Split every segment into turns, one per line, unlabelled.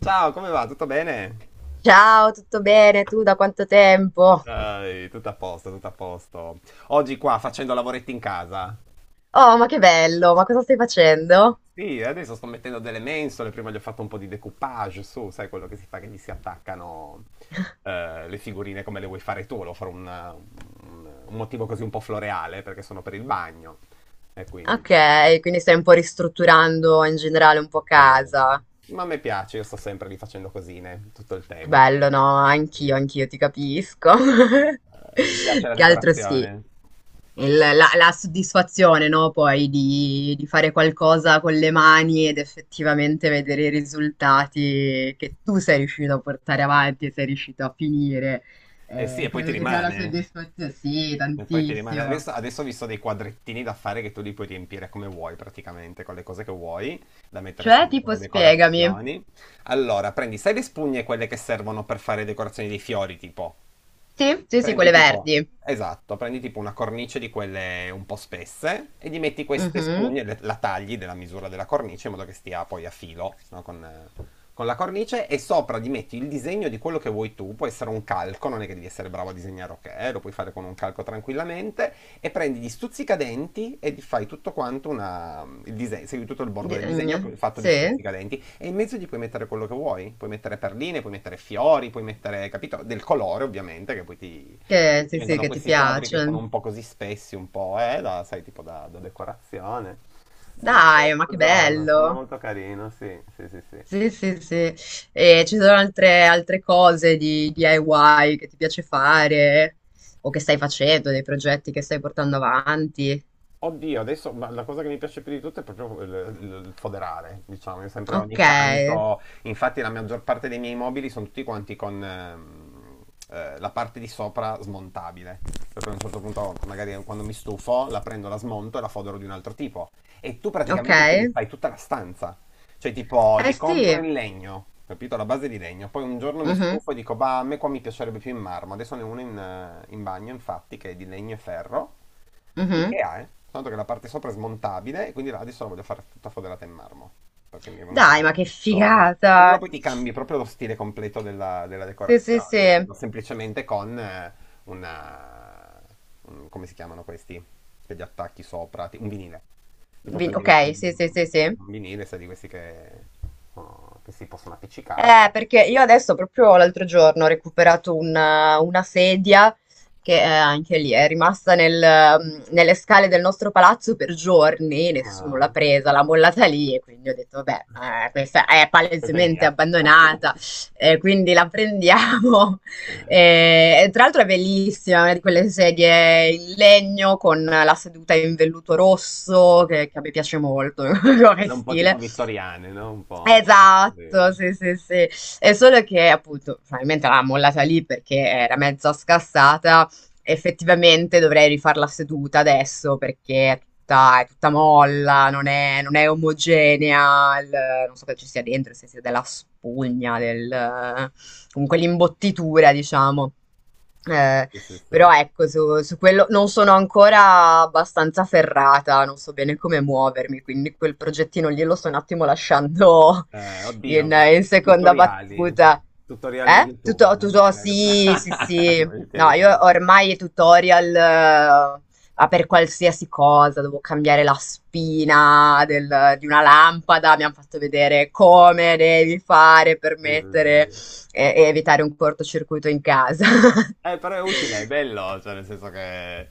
Ciao, come va? Tutto bene?
Ciao, tutto bene? Tu da quanto tempo?
Dai, tutto a posto, tutto a posto. Oggi qua facendo lavoretti in casa.
Oh, ma che bello, ma cosa stai facendo?
Sì, adesso sto mettendo delle mensole, prima gli ho fatto un po' di decoupage su, sai quello che si fa che gli si attaccano le figurine come le vuoi fare tu, volevo fare un motivo così un po' floreale perché sono per il bagno e quindi...
Ok, quindi stai un po' ristrutturando in generale un po'
Va bene.
casa.
Ma a me piace, io sto sempre lì facendo cosine tutto il tempo.
Bello, no, anch'io,
E-
anch'io ti capisco.
Mi piace la
Che altro sì,
decorazione.
la soddisfazione, no, poi di fare qualcosa con le mani ed effettivamente vedere i risultati che tu sei riuscito a portare avanti e sei riuscito a finire.
Eh sì, e poi ti
Credo che sia la
rimane.
soddisfazione, sì,
E poi ti rimane.
tantissimo.
Adesso ho visto dei quadrettini da fare che tu li puoi riempire come vuoi praticamente, con le cose che vuoi, da mettere
Cioè,
sempre
tipo,
come
spiegami.
decorazioni. Allora, prendi, sai le spugne quelle che servono per fare decorazioni dei fiori, tipo?
Sì, sì, sì,
Prendi
quelle
tipo,
verdi.
esatto, prendi tipo una cornice di quelle un po' spesse e gli metti queste
Mhm.
spugne, la tagli della misura della cornice in modo che stia poi a filo, no, con la cornice e sopra gli metti il disegno di quello che vuoi tu, può essere un calco, non è che devi essere bravo a disegnare, ok, lo puoi fare con un calco tranquillamente e prendi gli stuzzicadenti e gli fai tutto quanto una, il disegno, segui tutto il bordo del disegno fatto di
Sì,
stuzzicadenti e in mezzo gli puoi mettere quello che vuoi, puoi mettere perline, puoi mettere fiori, puoi mettere, capito, del colore ovviamente, che poi ti,
che,
ti
sì, sì,
vengono
che ti
questi quadri che sono
piace.
un po' così spessi, un po', da, sai, tipo da decorazione. Un
Dai, ma
altro
che
giorno, sembra
bello!
molto carino, sì, sì, sì, sì.
Sì, sì, sì. E ci sono altre cose di DIY che ti piace fare o che stai facendo, dei progetti che stai portando avanti.
Oddio, adesso ma la cosa che mi piace più di tutto è proprio il foderare, diciamo, io sempre
Ok,
ogni tanto, infatti la maggior parte dei miei mobili sono tutti quanti con la parte di sopra smontabile, per cui a un certo punto magari quando mi stufo la prendo, la smonto e la fodero di un altro tipo e tu
ok.
praticamente ti rifai tutta la stanza, cioè, tipo,
Eh
li compro
sì.
in legno, capito? La base di legno. Poi un giorno mi
Mhm,
stufo e dico, bah, a me qua mi piacerebbe più in marmo. Adesso ne ho uno in bagno, infatti, che è di legno e ferro.
mhm.
Ikea, eh? Tanto che la parte sopra è smontabile, e quindi là adesso la voglio fare tutta foderata in marmo. Perché mi è venuto
Dai, ma che
il zorro. E allora
figata!
poi ti cambi proprio lo stile completo della, della
Sì, sì,
decorazione,
sì.
capito? Semplicemente con una... come si chiamano questi? Che gli attacchi sopra, un vinile. Tipo prendi
Ok,
un,
sì, sì, sì, sì.
un vinile, sai, di questi che, oh, che si possono appiccicare.
Perché io adesso proprio l'altro giorno ho recuperato una sedia che anche lì è rimasta nelle scale del nostro palazzo per giorni, nessuno
Ma...
l'ha presa, l'ha mollata lì e quindi ho detto, beh, questa è
Questa è
palesemente
mia.
abbandonata, quindi la prendiamo. E tra l'altro è bellissima, una di quelle sedie in legno con la seduta in velluto rosso,
Mm.
che a me piace molto come
Quella un po' tipo
stile.
vittoriane, no? Un po'...
Esatto,
Sì,
sì, sì, sì. È solo che appunto probabilmente l'ha mollata lì perché era mezza scassata. Effettivamente dovrei rifarla seduta adesso perché è tutta molla, non è omogenea. Non so che ci sia dentro, se sia della spugna, del, comunque l'imbottitura, diciamo. Eh,
sì, sì, sì.
però ecco, su quello non sono ancora abbastanza ferrata, non so bene come muovermi, quindi quel progettino lì lo sto un attimo lasciando
Oddio,
in seconda
tutoriali.
battuta.
Tutoriali in
Eh?
YouTube.
Tutto, tutto, sì, sì, sì.
Capito? Ti
No, io
aiutano.
ormai i tutorial, ma per qualsiasi cosa, devo cambiare la spina di una lampada, mi hanno fatto vedere come devi fare per
Sì, sì,
mettere
sì.
e evitare un cortocircuito in casa.
Però è utile, è bello, cioè nel senso che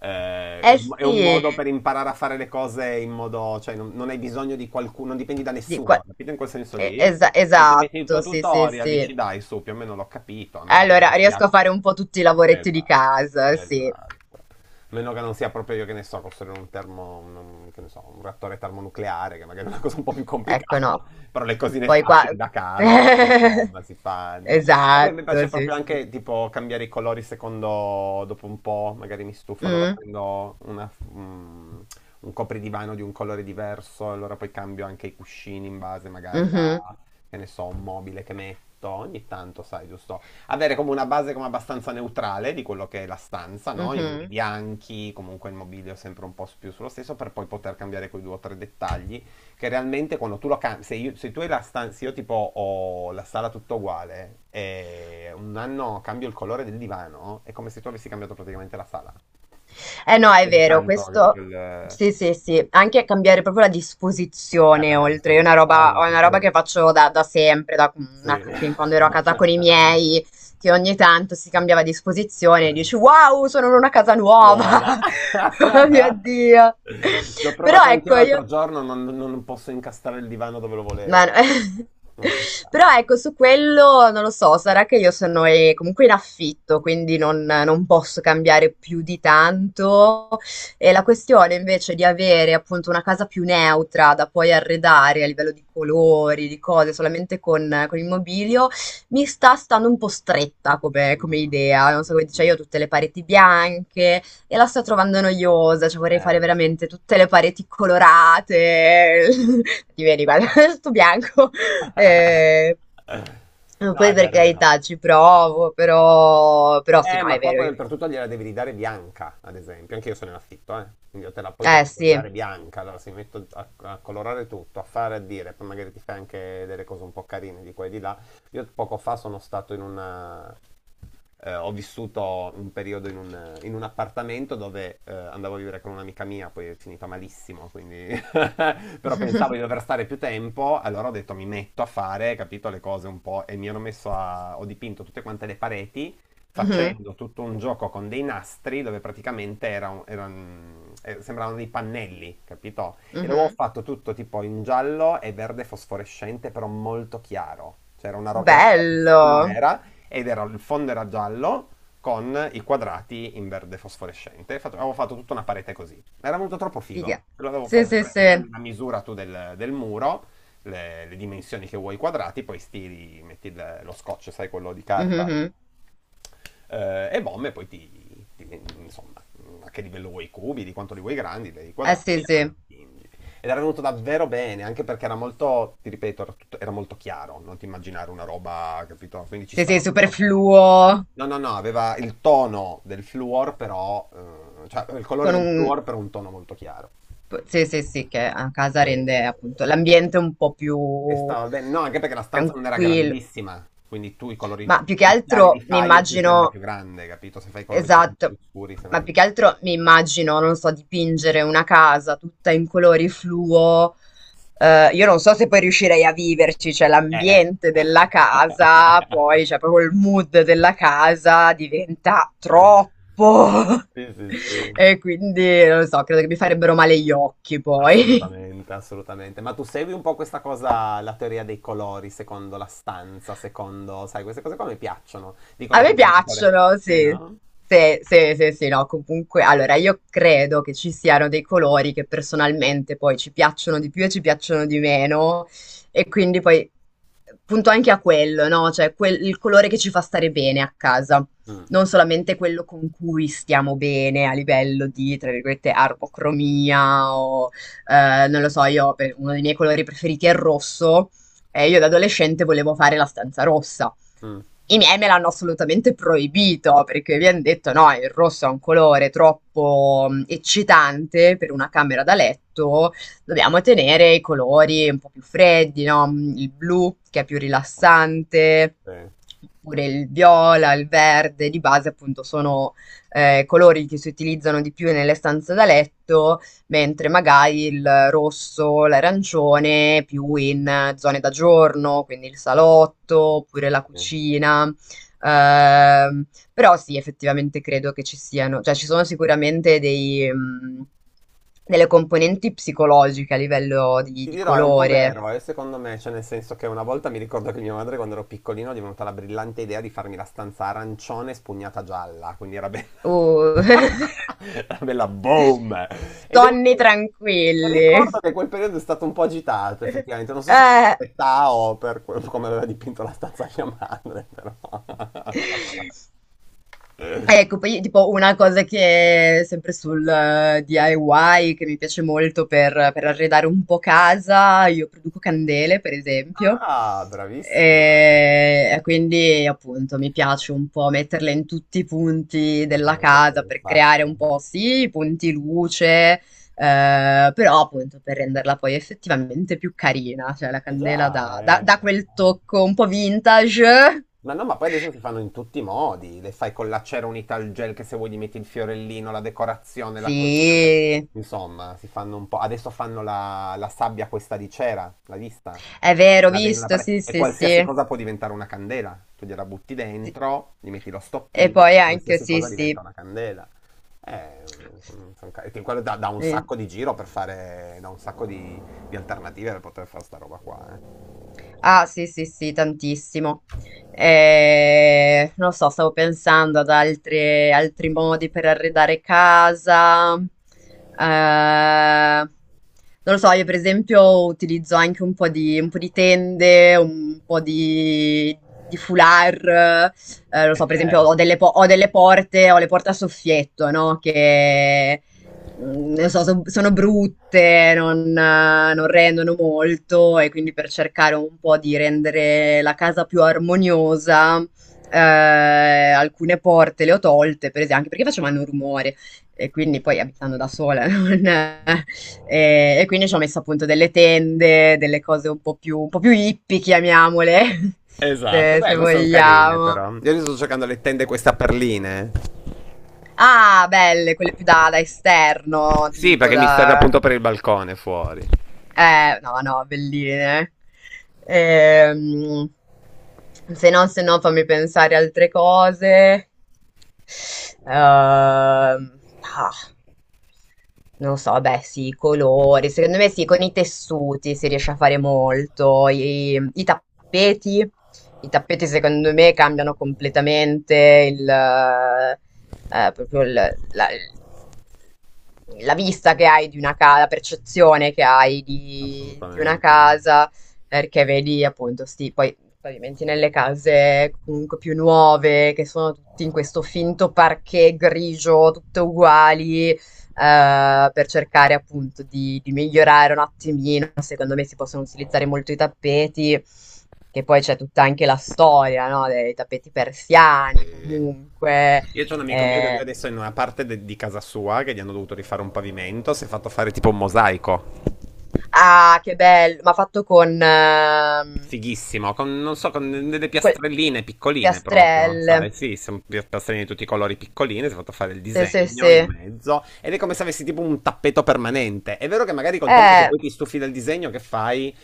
è,
Eh
è
sì,
un modo per imparare a fare le cose in modo, cioè non, non hai bisogno di qualcuno, non dipendi da
di
nessuno,
qua-
capito in quel senso lì? E ti metti il tuo
esatto, sì, sì,
tutorial,
sì.
dici dai su, più o meno l'ho capito, a meno che
Allora,
non sia
riesco a fare un po' tutti i lavoretti di
Esatto,
casa, sì.
esatto. A meno che non sia proprio io che ne so, costruire che ne so, un reattore termonucleare, che magari è una cosa un po' più
Ecco,
complicata,
no.
però le cosine
Poi qua...
facili da casa, insomma, si fanno. Ma poi mi
Esatto,
piace
sì,
proprio
sì.
anche tipo cambiare i colori secondo, dopo un po', magari mi stufo, allora
Mm,
prendo un copridivano di un colore diverso, allora poi cambio anche i cuscini in base magari
mhm,
a, che ne so, un mobile che metto, ogni tanto, sai, giusto? Avere come una base come abbastanza neutrale di quello che è la stanza, no? I muri
mhm.
bianchi, comunque il mobilio sempre un po' più sullo stesso, per poi poter cambiare quei due o tre dettagli, che realmente quando tu lo cambi, se tu hai la stanza, io tipo ho la sala tutta uguale, e un anno cambio il colore del divano, è come se tu avessi cambiato praticamente la sala.
Eh no, è
Vede
vero,
tanto, capito?
questo sì, sì, sì, anche cambiare proprio la disposizione,
Cambia la
oltre,
disposizione,
è
poi
una
va
roba che
bene.
faccio da sempre, da
Sì.
fin quando ero a casa con i miei, che ogni tanto si cambiava disposizione e dici wow, sono in una casa
Nuova.
nuova, oh mio Dio.
Ci ho
Però
provato anche
ecco, io...
l'altro giorno, non posso incastrare il divano dove lo
Ma
volevo.
no-
Non c'è
Però
stato.
ecco, su quello non lo so, sarà che io sono comunque in affitto, quindi non, non posso cambiare più di tanto. E la questione invece di avere appunto una casa più neutra da poi arredare a livello di colori, di cose, solamente con il mobilio, mi sta stando un po' stretta come,
Mm,
come idea. Non so
mm,
come dice,
mm.
io ho tutte le pareti bianche, e la sto trovando noiosa, cioè vorrei fare
Lo so.
veramente tutte le pareti colorate, ti vedi, guarda, sto bianco. Eh,
No,
poi
è
per
vero, è vero.
carità ci provo, però, però sì, no,
Ma
è
qua
vero
poi
che comunque...
oltretutto gliela devi ridare bianca, ad esempio. Anche io sono in affitto, eh. Quindi io te la poi te la
Eh
devo
sì.
ridare bianca. Allora si metto a, a colorare tutto, a fare, a dire. Poi magari ti fai anche delle cose un po' carine di qua e di là. Io poco fa sono stato ho vissuto un periodo in un appartamento dove andavo a vivere con un'amica mia, poi è finita malissimo, quindi però pensavo di dover stare più tempo, allora ho detto mi metto a fare, capito, le cose un po' e mi hanno messo a... ho dipinto tutte quante le pareti
Mhm,
facendo tutto un gioco con dei nastri dove praticamente sembravano dei pannelli, capito? E l'avevo
mhm.
fatto tutto tipo in giallo e verde fosforescente, però molto chiaro. Cioè era una roba, era bellissimo,
Bello.
era, ed era, il fondo era giallo con i quadrati in verde fosforescente. Avevo fatto tutta una parete così. Era venuto troppo figo.
Figa.
Lo avevo
Sì,
fatto,
sì, sì.
prendi,
Mhm,
prendi la misura tu del, del muro, le dimensioni che vuoi quadrati, poi stiri, metti lo scotch, sai, quello di carta
mhm.
e BOM e poi insomma, a che livello vuoi i cubi, di quanto li vuoi grandi, li
Eh
quadrati
sì,
e poi lo
sì.
dipingi. Ed era venuto davvero bene, anche perché era molto, ti ripeto, era molto chiaro, non ti immaginare una roba, capito? Quindi ci
Sì, sì,
stava molto bene così.
superfluo.
No, no, no, aveva il tono del fluor, però, cioè il colore
Con
del
un...
fluor, però un tono molto chiaro.
Sì, sì, sì, che a casa
Eh,
rende appunto l'ambiente un po' più
e stava bene, no, anche perché la stanza non era
tranquillo.
grandissima, quindi tu i colori
Ma più che
più chiari li
altro mi
fai e più sembra
immagino,
più grande, capito? Se fai i colori poi più
esatto,
scuri sembra
ma
più
più che
piccolo.
altro mi immagino, non so, dipingere una casa tutta in colori fluo. Io non so se poi riuscirei a viverci, cioè
Eh, eh.
l'ambiente della casa, poi cioè proprio il mood della casa diventa troppo.
Sì, sì, sì.
E quindi non lo so, credo che mi farebbero male gli occhi poi.
Assolutamente, assolutamente. Ma tu segui un po' questa cosa, la teoria dei colori, secondo la stanza, secondo, sai, queste cose qua mi piacciono.
A
Dicono
me
tipo dei colori.
piacciono,
Sì,
sì.
no?
Sì, sì, sì, sì, no, comunque, allora io credo che ci siano dei colori che personalmente poi ci piacciono di più e ci piacciono di meno e quindi poi punto anche a quello, no? Cioè il colore che ci fa stare bene a casa,
Mm,
non solamente quello con cui stiamo bene a livello di, tra virgolette, armocromia o, non lo so, uno dei miei colori preferiti è il rosso e io da adolescente volevo fare la stanza rossa.
mm,
I miei me l'hanno assolutamente proibito perché mi hanno detto: no, il rosso è un colore troppo eccitante per una camera da letto, dobbiamo tenere i colori un po' più freddi, no? Mm, il blu che è più rilassante,
sì.
oppure il viola, il verde, di base appunto sono colori che si utilizzano di più nelle stanze da letto mentre magari il rosso, l'arancione più in zone da giorno, quindi il salotto oppure la
Sì.
cucina. Ehm, Però sì, effettivamente credo che ci siano, cioè ci sono sicuramente dei, delle componenti psicologiche a livello
Ti
di
dirò, è un po'
colore.
vero, secondo me, cioè nel senso che una volta mi ricordo che mia madre quando ero piccolino è venuta la brillante idea di farmi la stanza arancione spugnata gialla, quindi era bella,
Uh.
era bella boom! E devo
Sonni
dire,
tranquilli.
ricordo che quel periodo è stato un po' agitato, effettivamente, non so se era
Eh.
per l'età o come aveva dipinto la stanza mia madre, però...
Ecco, poi tipo una cosa che sempre sul DIY che mi piace molto per arredare un po' casa, io produco candele, per esempio.
Ah, bravissima!
E quindi appunto mi piace un po' metterle in tutti i punti
Anche a
della
me piaceva
casa
un
per creare
sacco.
un po', sì, i punti luce, però appunto per renderla poi effettivamente più carina, cioè la
Eh
candela
già, eh.
dà quel tocco un po' vintage.
Ma no, ma poi adesso si fanno in tutti i modi. Le fai con la cera unita al gel che se vuoi gli metti il fiorellino, la decorazione, la cosina, cioè,
Sì.
insomma, si fanno un po'. Adesso fanno la sabbia questa di cera, l'hai vista?
È vero,
Che
ho
la vendono alla
visto, sì,
parete. E
sì,
qualsiasi
sì.
cosa può diventare una candela. Tu gliela butti
Sì.
dentro, gli metti lo
E
stoppino,
poi anche,
qualsiasi
sì,
cosa
sì.
diventa una candela. Eh, che quello dà, un
Sì.
sacco di giro per fare, dà un sacco di alternative per poter fare sta roba qua, eh.
Ah, sì, sì, sì, tantissimo. Non lo so, stavo pensando ad altri modi per arredare casa. Non lo so, io per esempio utilizzo anche un po' un po' di tende, un po' di foulard. Non lo
E
so, per esempio
c'è.
ho delle, ho delle porte, ho le porte a soffietto, no? Che non so, sono brutte, non rendono molto e quindi per cercare un po' di rendere la casa più armoniosa, alcune porte le ho tolte, per ese anche perché facevano rumore e quindi poi abitando da sola non e quindi ci ho messo appunto delle tende, delle cose un po' più hippie chiamiamole,
Esatto,
se
beh, ma sono carine
vogliamo.
però. Io adesso sto cercando le tende questa perline.
Ah, belle, quelle più da da esterno,
Sì,
tipo
perché mi serve
da.
appunto per il balcone fuori.
No, no, belline. Ehm, Se no, se no, fammi pensare altre cose. Ehm, ah, Non lo so, beh, sì, i colori. Secondo me sì, con i tessuti si riesce a fare molto. I tappeti. I tappeti, secondo me, cambiano completamente proprio la, la vista che hai di una casa, la percezione che hai di una
Assolutamente.
casa, perché vedi appunto sti, poi pavimenti nelle case comunque più nuove, che sono tutti in questo finto parquet grigio, tutte uguali, per cercare appunto di migliorare un attimino. Secondo me si possono utilizzare molto i tappeti, che poi c'è tutta anche la storia, no? Dei tappeti persiani,
E-
comunque.
Io c'ho un amico mio che lui
eh,
adesso è in una parte di casa sua che gli hanno dovuto rifare un pavimento, si è fatto fare tipo un mosaico.
Ah, che bello! Ma fatto con,
Fighissimo, con, non so, con delle
col
piastrelline piccoline proprio, sai?
piastrelle.
Sì, sono piastrelline di tutti i colori piccoline, si è fatto fare il
Sì, sì,
disegno in
sì.
mezzo ed è come se avessi tipo un tappeto permanente. È vero che magari col tempo se
Eh,
poi ti stufi del disegno che fai,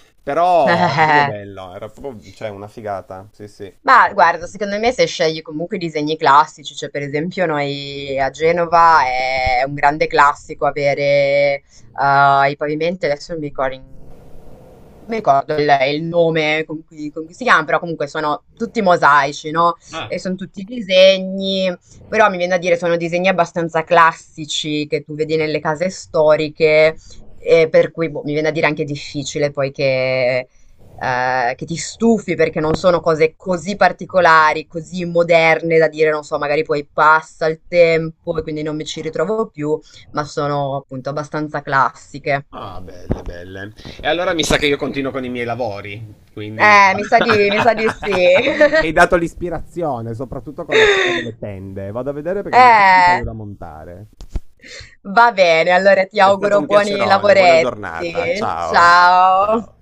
eh,
però
eh,
era proprio
eh.
bello, era proprio, cioè, una figata, sì sì.
Ma guarda, secondo me se scegli comunque i disegni classici, cioè per esempio noi a Genova è un grande classico avere i pavimenti, adesso non mi ricordo, non mi ricordo il nome con cui si chiama, però comunque sono tutti mosaici, no?
Ah,
E sono tutti disegni, però mi viene da dire sono disegni abbastanza classici che tu vedi nelle case storiche, e per cui boh, mi viene da dire anche difficile poi che ti stufi perché non sono cose così particolari, così moderne da dire, non so, magari poi passa il tempo e quindi non mi ci ritrovo più, ma sono appunto abbastanza classiche.
ah, belle, belle. E allora mi sa che io continuo con i miei lavori, quindi...
Mi sa di sì.
Mi hai dato l'ispirazione, soprattutto con la storia delle tende. Vado a vedere perché ne ho un
Eh,
paio da montare.
va bene, allora ti
È stato
auguro
un
buoni
piacerone, buona giornata,
lavoretti.
ciao.
Ciao.
Ciao.